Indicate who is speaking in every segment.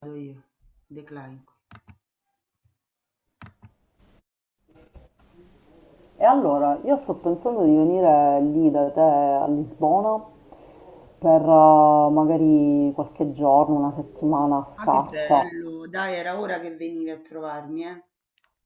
Speaker 1: Vado io, declaico.
Speaker 2: E allora, io sto pensando di venire lì da te a Lisbona per magari qualche giorno, una settimana
Speaker 1: Ah, che
Speaker 2: scarsa.
Speaker 1: bello! Dai, era ora che venivi a trovarmi, eh.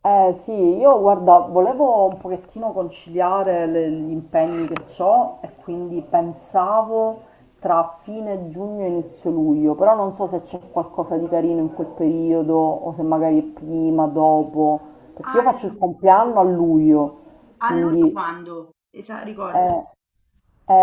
Speaker 2: Eh sì, io guarda, volevo un pochettino conciliare gli impegni che ho e quindi pensavo tra fine giugno e inizio luglio, però non so se c'è qualcosa di carino in quel periodo o se magari è prima, dopo, perché io
Speaker 1: Allora,
Speaker 2: faccio il compleanno a luglio,
Speaker 1: a luglio
Speaker 2: quindi...
Speaker 1: quando? Ricordami.
Speaker 2: eh, È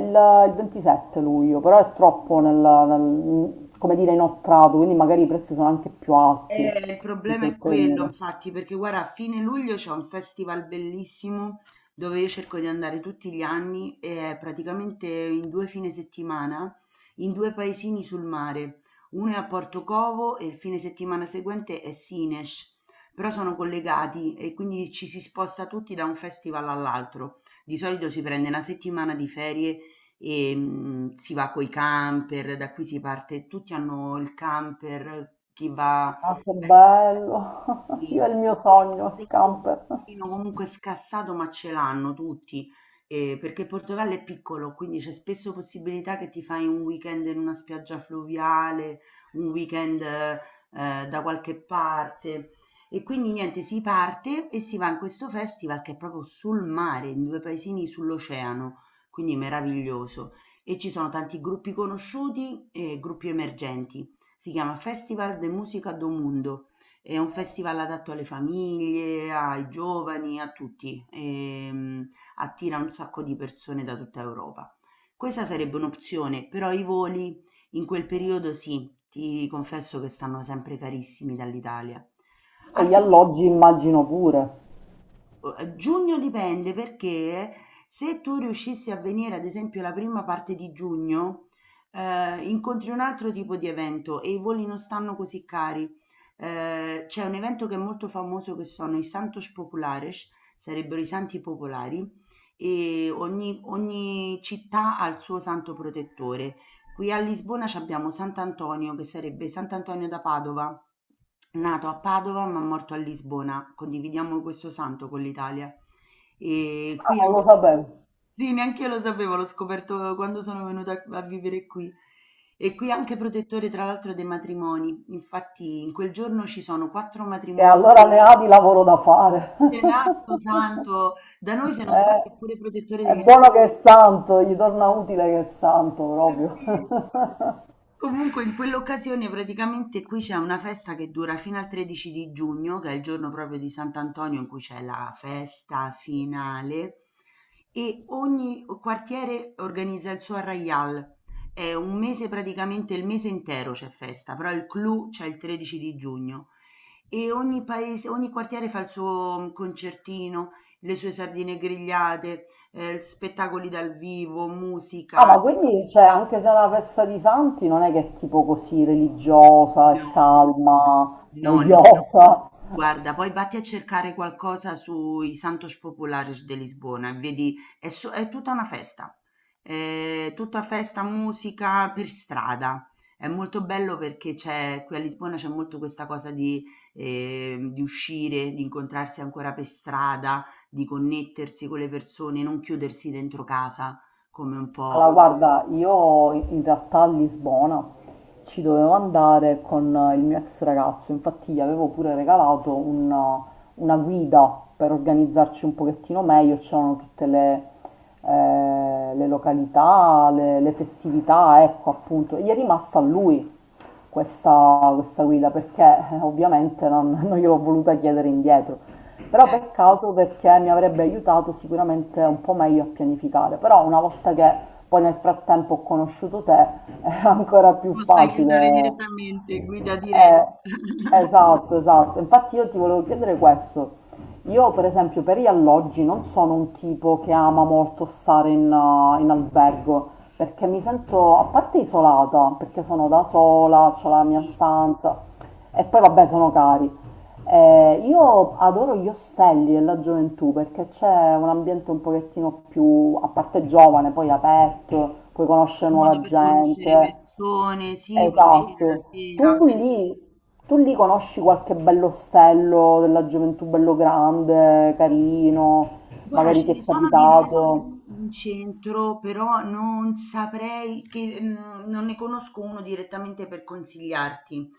Speaker 2: il, il 27 luglio, però è troppo nel come dire, inoltrato, quindi magari i prezzi sono anche più alti
Speaker 1: Il
Speaker 2: in
Speaker 1: problema
Speaker 2: quel
Speaker 1: è quello,
Speaker 2: periodo.
Speaker 1: infatti, perché guarda, a fine luglio c'è un festival bellissimo dove io cerco di andare tutti gli anni e è praticamente in due fine settimana in due paesini sul mare. Uno è a Portocovo e il fine settimana seguente è Sines, però sono collegati e quindi ci si sposta tutti da un festival all'altro. Di solito si prende una settimana di ferie e si va coi camper, da qui si parte, tutti hanno il camper, chi va
Speaker 2: Ah, che
Speaker 1: eh
Speaker 2: bello!
Speaker 1: sì,
Speaker 2: Io è il mio
Speaker 1: oltretutto
Speaker 2: sogno, il
Speaker 1: il
Speaker 2: camper.
Speaker 1: furbettino comunque scassato, ma ce l'hanno tutti, perché il Portogallo è piccolo, quindi c'è spesso possibilità che ti fai un weekend in una spiaggia fluviale, un weekend, da qualche parte. E quindi niente, si parte e si va in questo festival che è proprio sul mare, in due paesini sull'oceano, quindi meraviglioso. E ci sono tanti gruppi conosciuti e gruppi emergenti. Si chiama Festival de Música do Mundo. È un festival adatto alle famiglie, ai giovani, a tutti, attira un sacco di persone da tutta Europa. Questa sarebbe un'opzione, però i voli in quel periodo sì, ti confesso che stanno sempre carissimi dall'Italia.
Speaker 2: E gli
Speaker 1: Altrimenti
Speaker 2: alloggi immagino pure.
Speaker 1: giugno dipende perché se tu riuscissi a venire ad esempio la prima parte di giugno, incontri un altro tipo di evento e i voli non stanno così cari. C'è un evento che è molto famoso che sono i Santos Populares, sarebbero i santi popolari, e ogni città ha il suo santo protettore. Qui a Lisbona c'abbiamo sant'Antonio che sarebbe sant'Antonio da Padova, nato a Padova ma morto a Lisbona. Condividiamo questo santo con l'Italia. E
Speaker 2: Ah,
Speaker 1: qui
Speaker 2: non lo
Speaker 1: anche
Speaker 2: sapevo.
Speaker 1: sì, neanche io lo sapevo, l'ho scoperto quando sono venuta a vivere qui. E qui anche protettore, tra l'altro, dei matrimoni. Infatti, in quel giorno ci sono quattro
Speaker 2: E
Speaker 1: matrimoni.
Speaker 2: allora ne ha di lavoro da fare.
Speaker 1: Che nasto santo! Da noi, se non sbaglio, è pure protettore
Speaker 2: Eh, è
Speaker 1: degli animali.
Speaker 2: buono che è santo, gli torna utile che è santo proprio.
Speaker 1: Sì. Comunque in quell'occasione praticamente qui c'è una festa che dura fino al 13 di giugno, che è il giorno proprio di Sant'Antonio in cui c'è la festa finale e ogni quartiere organizza il suo arraial. È un mese praticamente, il mese intero c'è festa, però il clou c'è il 13 di giugno e ogni paese, ogni quartiere fa il suo concertino, le sue sardine grigliate, spettacoli dal vivo,
Speaker 2: Ah,
Speaker 1: musica.
Speaker 2: ma quindi, cioè, anche se è una festa di santi, non è che è tipo così religiosa,
Speaker 1: No,
Speaker 2: calma, no,
Speaker 1: no, no.
Speaker 2: noiosa.
Speaker 1: Guarda, poi vatti a cercare qualcosa sui Santos Populares de Lisbona e vedi, è, è tutta una festa, è tutta festa, musica per strada. È molto bello perché c'è, qui a Lisbona c'è molto questa cosa di uscire, di incontrarsi ancora per strada, di connettersi con le persone, non chiudersi dentro casa come un
Speaker 2: Allora,
Speaker 1: po'.
Speaker 2: guarda, io in realtà a Lisbona ci dovevo andare con il mio ex ragazzo, infatti gli avevo pure regalato una guida per organizzarci un pochettino meglio, c'erano tutte le località, le festività, ecco appunto, e gli è rimasta a lui questa guida perché ovviamente non gliel'ho voluta chiedere indietro. Però
Speaker 1: Certo, ti
Speaker 2: peccato perché mi avrebbe aiutato sicuramente un po' meglio a pianificare, però una volta che poi nel frattempo ho conosciuto te è ancora più
Speaker 1: posso aiutare
Speaker 2: facile.
Speaker 1: direttamente, guida diretta.
Speaker 2: Eh, esatto, esatto. Infatti io ti volevo chiedere questo. Io per esempio per gli alloggi non sono un tipo che ama molto stare in albergo perché mi sento a parte isolata, perché sono da sola, ho la mia
Speaker 1: Sì.
Speaker 2: stanza e poi vabbè sono cari. Io adoro gli ostelli e la gioventù perché c'è un ambiente un pochettino più, a parte giovane, poi aperto, puoi
Speaker 1: È
Speaker 2: conoscere
Speaker 1: un modo
Speaker 2: nuova
Speaker 1: per conoscere
Speaker 2: gente.
Speaker 1: persone, sì, per uscire la
Speaker 2: Esatto.
Speaker 1: sera.
Speaker 2: Tu
Speaker 1: Organi-
Speaker 2: lì, tu lì conosci qualche bello ostello della gioventù bello grande, carino,
Speaker 1: Guarda,
Speaker 2: magari
Speaker 1: ce
Speaker 2: ti
Speaker 1: ne
Speaker 2: è
Speaker 1: sono diversi
Speaker 2: capitato.
Speaker 1: in centro, però non saprei che non ne conosco uno direttamente per consigliarti.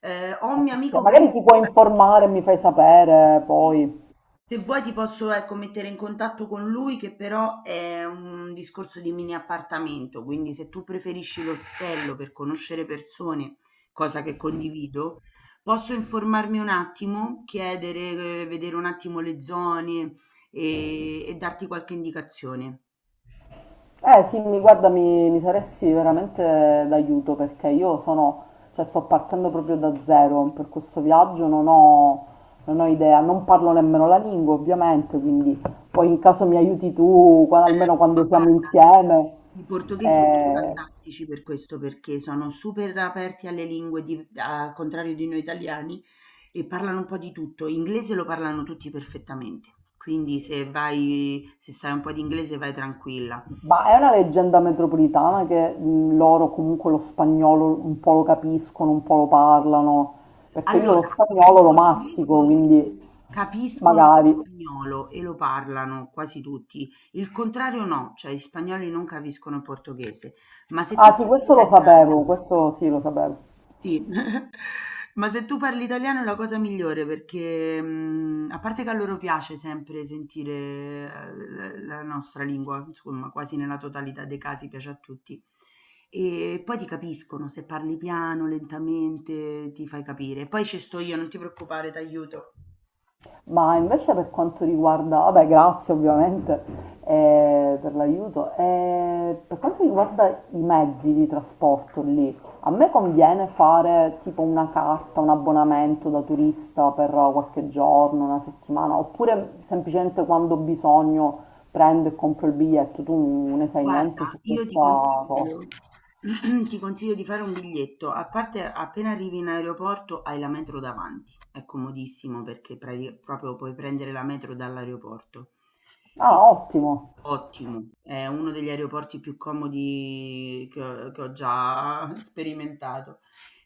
Speaker 1: Ho un mio
Speaker 2: Ok,
Speaker 1: amico che ha
Speaker 2: magari ti puoi
Speaker 1: fatto
Speaker 2: informare e mi fai sapere
Speaker 1: sì.
Speaker 2: poi.
Speaker 1: Se vuoi ti posso, ecco, mettere in contatto con lui che però è un discorso di mini appartamento, quindi se tu preferisci l'ostello per conoscere persone, cosa che condivido, posso informarmi un attimo, chiedere, vedere un attimo le zone e darti qualche indicazione.
Speaker 2: Eh sì, mi guarda, mi saresti veramente d'aiuto perché io sono, cioè sto partendo proprio da zero per questo viaggio, non ho idea, non parlo nemmeno la lingua ovviamente, quindi poi in caso mi aiuti tu, almeno
Speaker 1: Certo, ma
Speaker 2: quando siamo
Speaker 1: guarda,
Speaker 2: insieme.
Speaker 1: i portoghesi sono
Speaker 2: Eh,
Speaker 1: fantastici per questo, perché sono super aperti alle lingue, al contrario di noi italiani, e parlano un po' di tutto. Inglese lo parlano tutti perfettamente, quindi se vai, se sai un po' di inglese vai tranquilla.
Speaker 2: ma è una leggenda metropolitana che loro comunque lo spagnolo un po' lo capiscono, un po' lo parlano, perché io lo
Speaker 1: Allora, i
Speaker 2: spagnolo lo mastico,
Speaker 1: portoghesi
Speaker 2: quindi
Speaker 1: capiscono lo
Speaker 2: magari.
Speaker 1: spagnolo e lo parlano quasi tutti, il contrario no, cioè gli spagnoli non capiscono il portoghese, ma se tu
Speaker 2: Ah sì,
Speaker 1: parli
Speaker 2: questo lo
Speaker 1: italiano
Speaker 2: sapevo, questo sì lo sapevo.
Speaker 1: sì, ma se tu parli italiano è la cosa migliore perché, a parte che a loro piace sempre sentire la nostra lingua, insomma, quasi nella totalità dei casi piace a tutti. E poi ti capiscono, se parli piano, lentamente, ti fai capire. Poi ci sto io, non ti preoccupare, ti aiuto.
Speaker 2: Ma invece per quanto riguarda, vabbè, grazie ovviamente per l'aiuto. Per quanto riguarda i mezzi di trasporto lì, a me conviene fare tipo una carta, un abbonamento da turista per qualche giorno, una settimana, oppure semplicemente quando ho bisogno prendo e compro il biglietto, tu ne sai niente su
Speaker 1: Guarda, io ti
Speaker 2: questa cosa?
Speaker 1: consiglio, ti consiglio di fare un biglietto, a parte appena arrivi in aeroporto hai la metro davanti, è comodissimo perché proprio puoi prendere la metro dall'aeroporto. E-
Speaker 2: Ah, ottimo.
Speaker 1: Ottimo, è uno degli aeroporti più comodi che ho già sperimentato.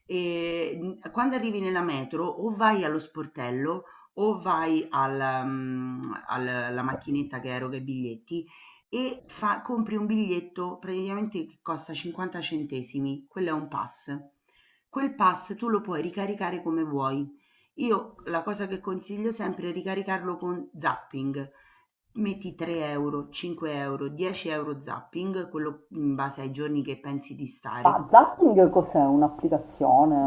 Speaker 1: E quando arrivi nella metro o vai allo sportello o vai al, alla macchinetta che eroga i biglietti e compri un biglietto praticamente che costa 50 centesimi, quello è un pass. Quel pass tu lo puoi ricaricare come vuoi. Io la cosa che consiglio sempre è ricaricarlo con zapping. Metti 3 euro, 5 euro, 10 euro zapping, quello in base ai giorni che pensi di stare.
Speaker 2: Ma Zapping cos'è?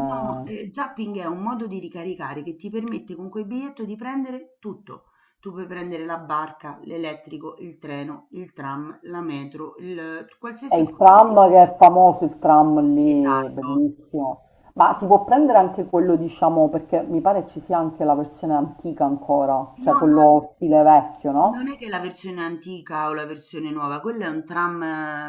Speaker 1: No, zapping è un modo di ricaricare che ti permette con quel biglietto di prendere tutto. Tu puoi prendere la barca, l'elettrico, il treno, il tram, la metro, il
Speaker 2: È
Speaker 1: qualsiasi
Speaker 2: il
Speaker 1: cosa.
Speaker 2: tram che è famoso, il tram lì,
Speaker 1: Esatto.
Speaker 2: bellissimo. Ma si può prendere anche quello, diciamo, perché mi pare ci sia anche la versione antica ancora, cioè
Speaker 1: No, no,
Speaker 2: quello stile vecchio,
Speaker 1: non
Speaker 2: no?
Speaker 1: è che la versione antica o la versione nuova, quello è un tram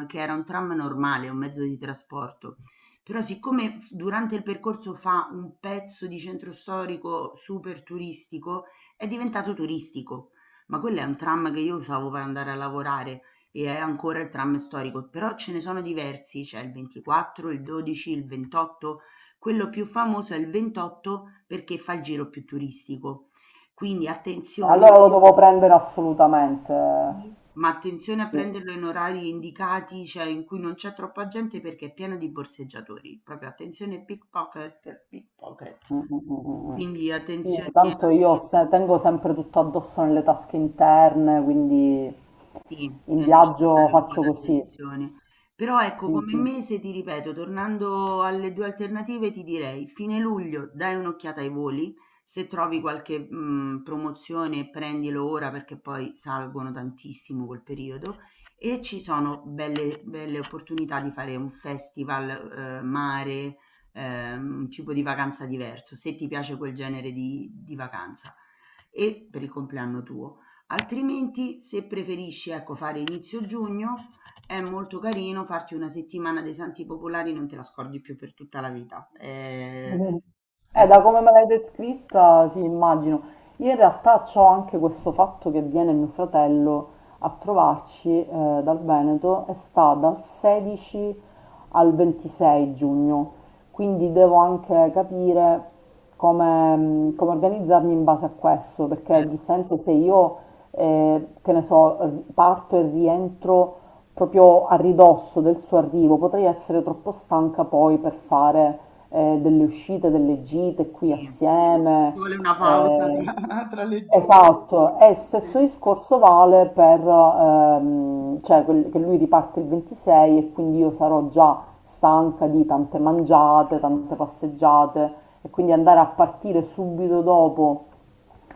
Speaker 1: che era un tram normale, un mezzo di trasporto. Però siccome durante il percorso fa un pezzo di centro storico super turistico, è diventato turistico. Ma quello è un tram che io usavo per andare a lavorare e è ancora il tram storico, però ce ne sono diversi, c'è il 24, il 12, il 28. Quello più famoso è il 28 perché fa il giro più turistico quindi
Speaker 2: E
Speaker 1: attenzione
Speaker 2: allora lo devo prendere assolutamente.
Speaker 1: sì, ma attenzione a
Speaker 2: Sì, mm,
Speaker 1: prenderlo in orari indicati, cioè in cui non c'è troppa gente perché è pieno di borseggiatori. Proprio attenzione pickpocket, pickpocket.
Speaker 2: mm, mm, mm, mm.
Speaker 1: Quindi
Speaker 2: Sì,
Speaker 1: attenzione
Speaker 2: tanto io tengo sempre tutto addosso nelle tasche interne, quindi
Speaker 1: sì,
Speaker 2: in
Speaker 1: è
Speaker 2: viaggio
Speaker 1: necessario un po'
Speaker 2: faccio così.
Speaker 1: d'attenzione. Però ecco,
Speaker 2: Sì,
Speaker 1: come
Speaker 2: sì.
Speaker 1: mese ti ripeto, tornando alle 2 alternative, ti direi fine luglio dai un'occhiata ai voli, se trovi qualche promozione prendilo ora perché poi salgono tantissimo quel periodo e ci sono belle opportunità di fare un festival, mare, un tipo di vacanza diverso, se ti piace quel genere di vacanza e per il compleanno tuo. Altrimenti, se preferisci ecco fare inizio giugno, è molto carino farti una settimana dei Santi Popolari, non te la scordi più per tutta la vita.
Speaker 2: Mhm.
Speaker 1: È
Speaker 2: Da
Speaker 1: proprio
Speaker 2: come me l'hai descritta, sì, immagino. Io in realtà ho anche questo fatto che viene mio fratello a trovarci dal Veneto e sta dal 16 al 26 giugno, quindi devo anche capire come, come organizzarmi in base a questo, perché
Speaker 1: certo.
Speaker 2: giustamente se io, che ne so, parto e rientro proprio a ridosso del suo arrivo, potrei essere troppo stanca poi per fare delle uscite, delle gite qui
Speaker 1: Sì, ci
Speaker 2: assieme.
Speaker 1: vuole una pausa
Speaker 2: eh,
Speaker 1: tra, tra le due.
Speaker 2: esatto, e stesso
Speaker 1: Sì.
Speaker 2: discorso vale per, cioè, che lui riparte il 26 e quindi io sarò già stanca di tante mangiate, tante passeggiate e quindi andare a partire subito dopo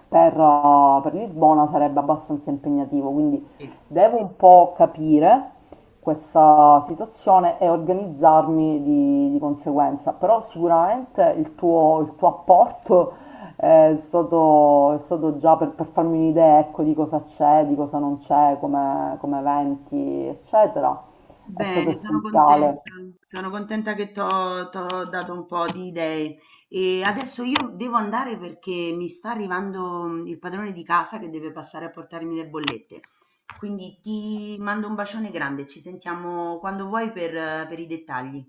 Speaker 2: per Lisbona sarebbe abbastanza impegnativo, quindi
Speaker 1: Sì.
Speaker 2: devo un po' capire questa situazione e organizzarmi di conseguenza, però sicuramente il tuo apporto è stato già per farmi un'idea, ecco, di cosa c'è, di cosa non c'è, come eventi, eccetera, è stato
Speaker 1: Bene,
Speaker 2: essenziale.
Speaker 1: sono contenta che ti ho dato un po' di idee. E adesso io devo andare perché mi sta arrivando il padrone di casa che deve passare a portarmi le bollette. Quindi ti mando un bacione grande, ci sentiamo quando vuoi per i dettagli.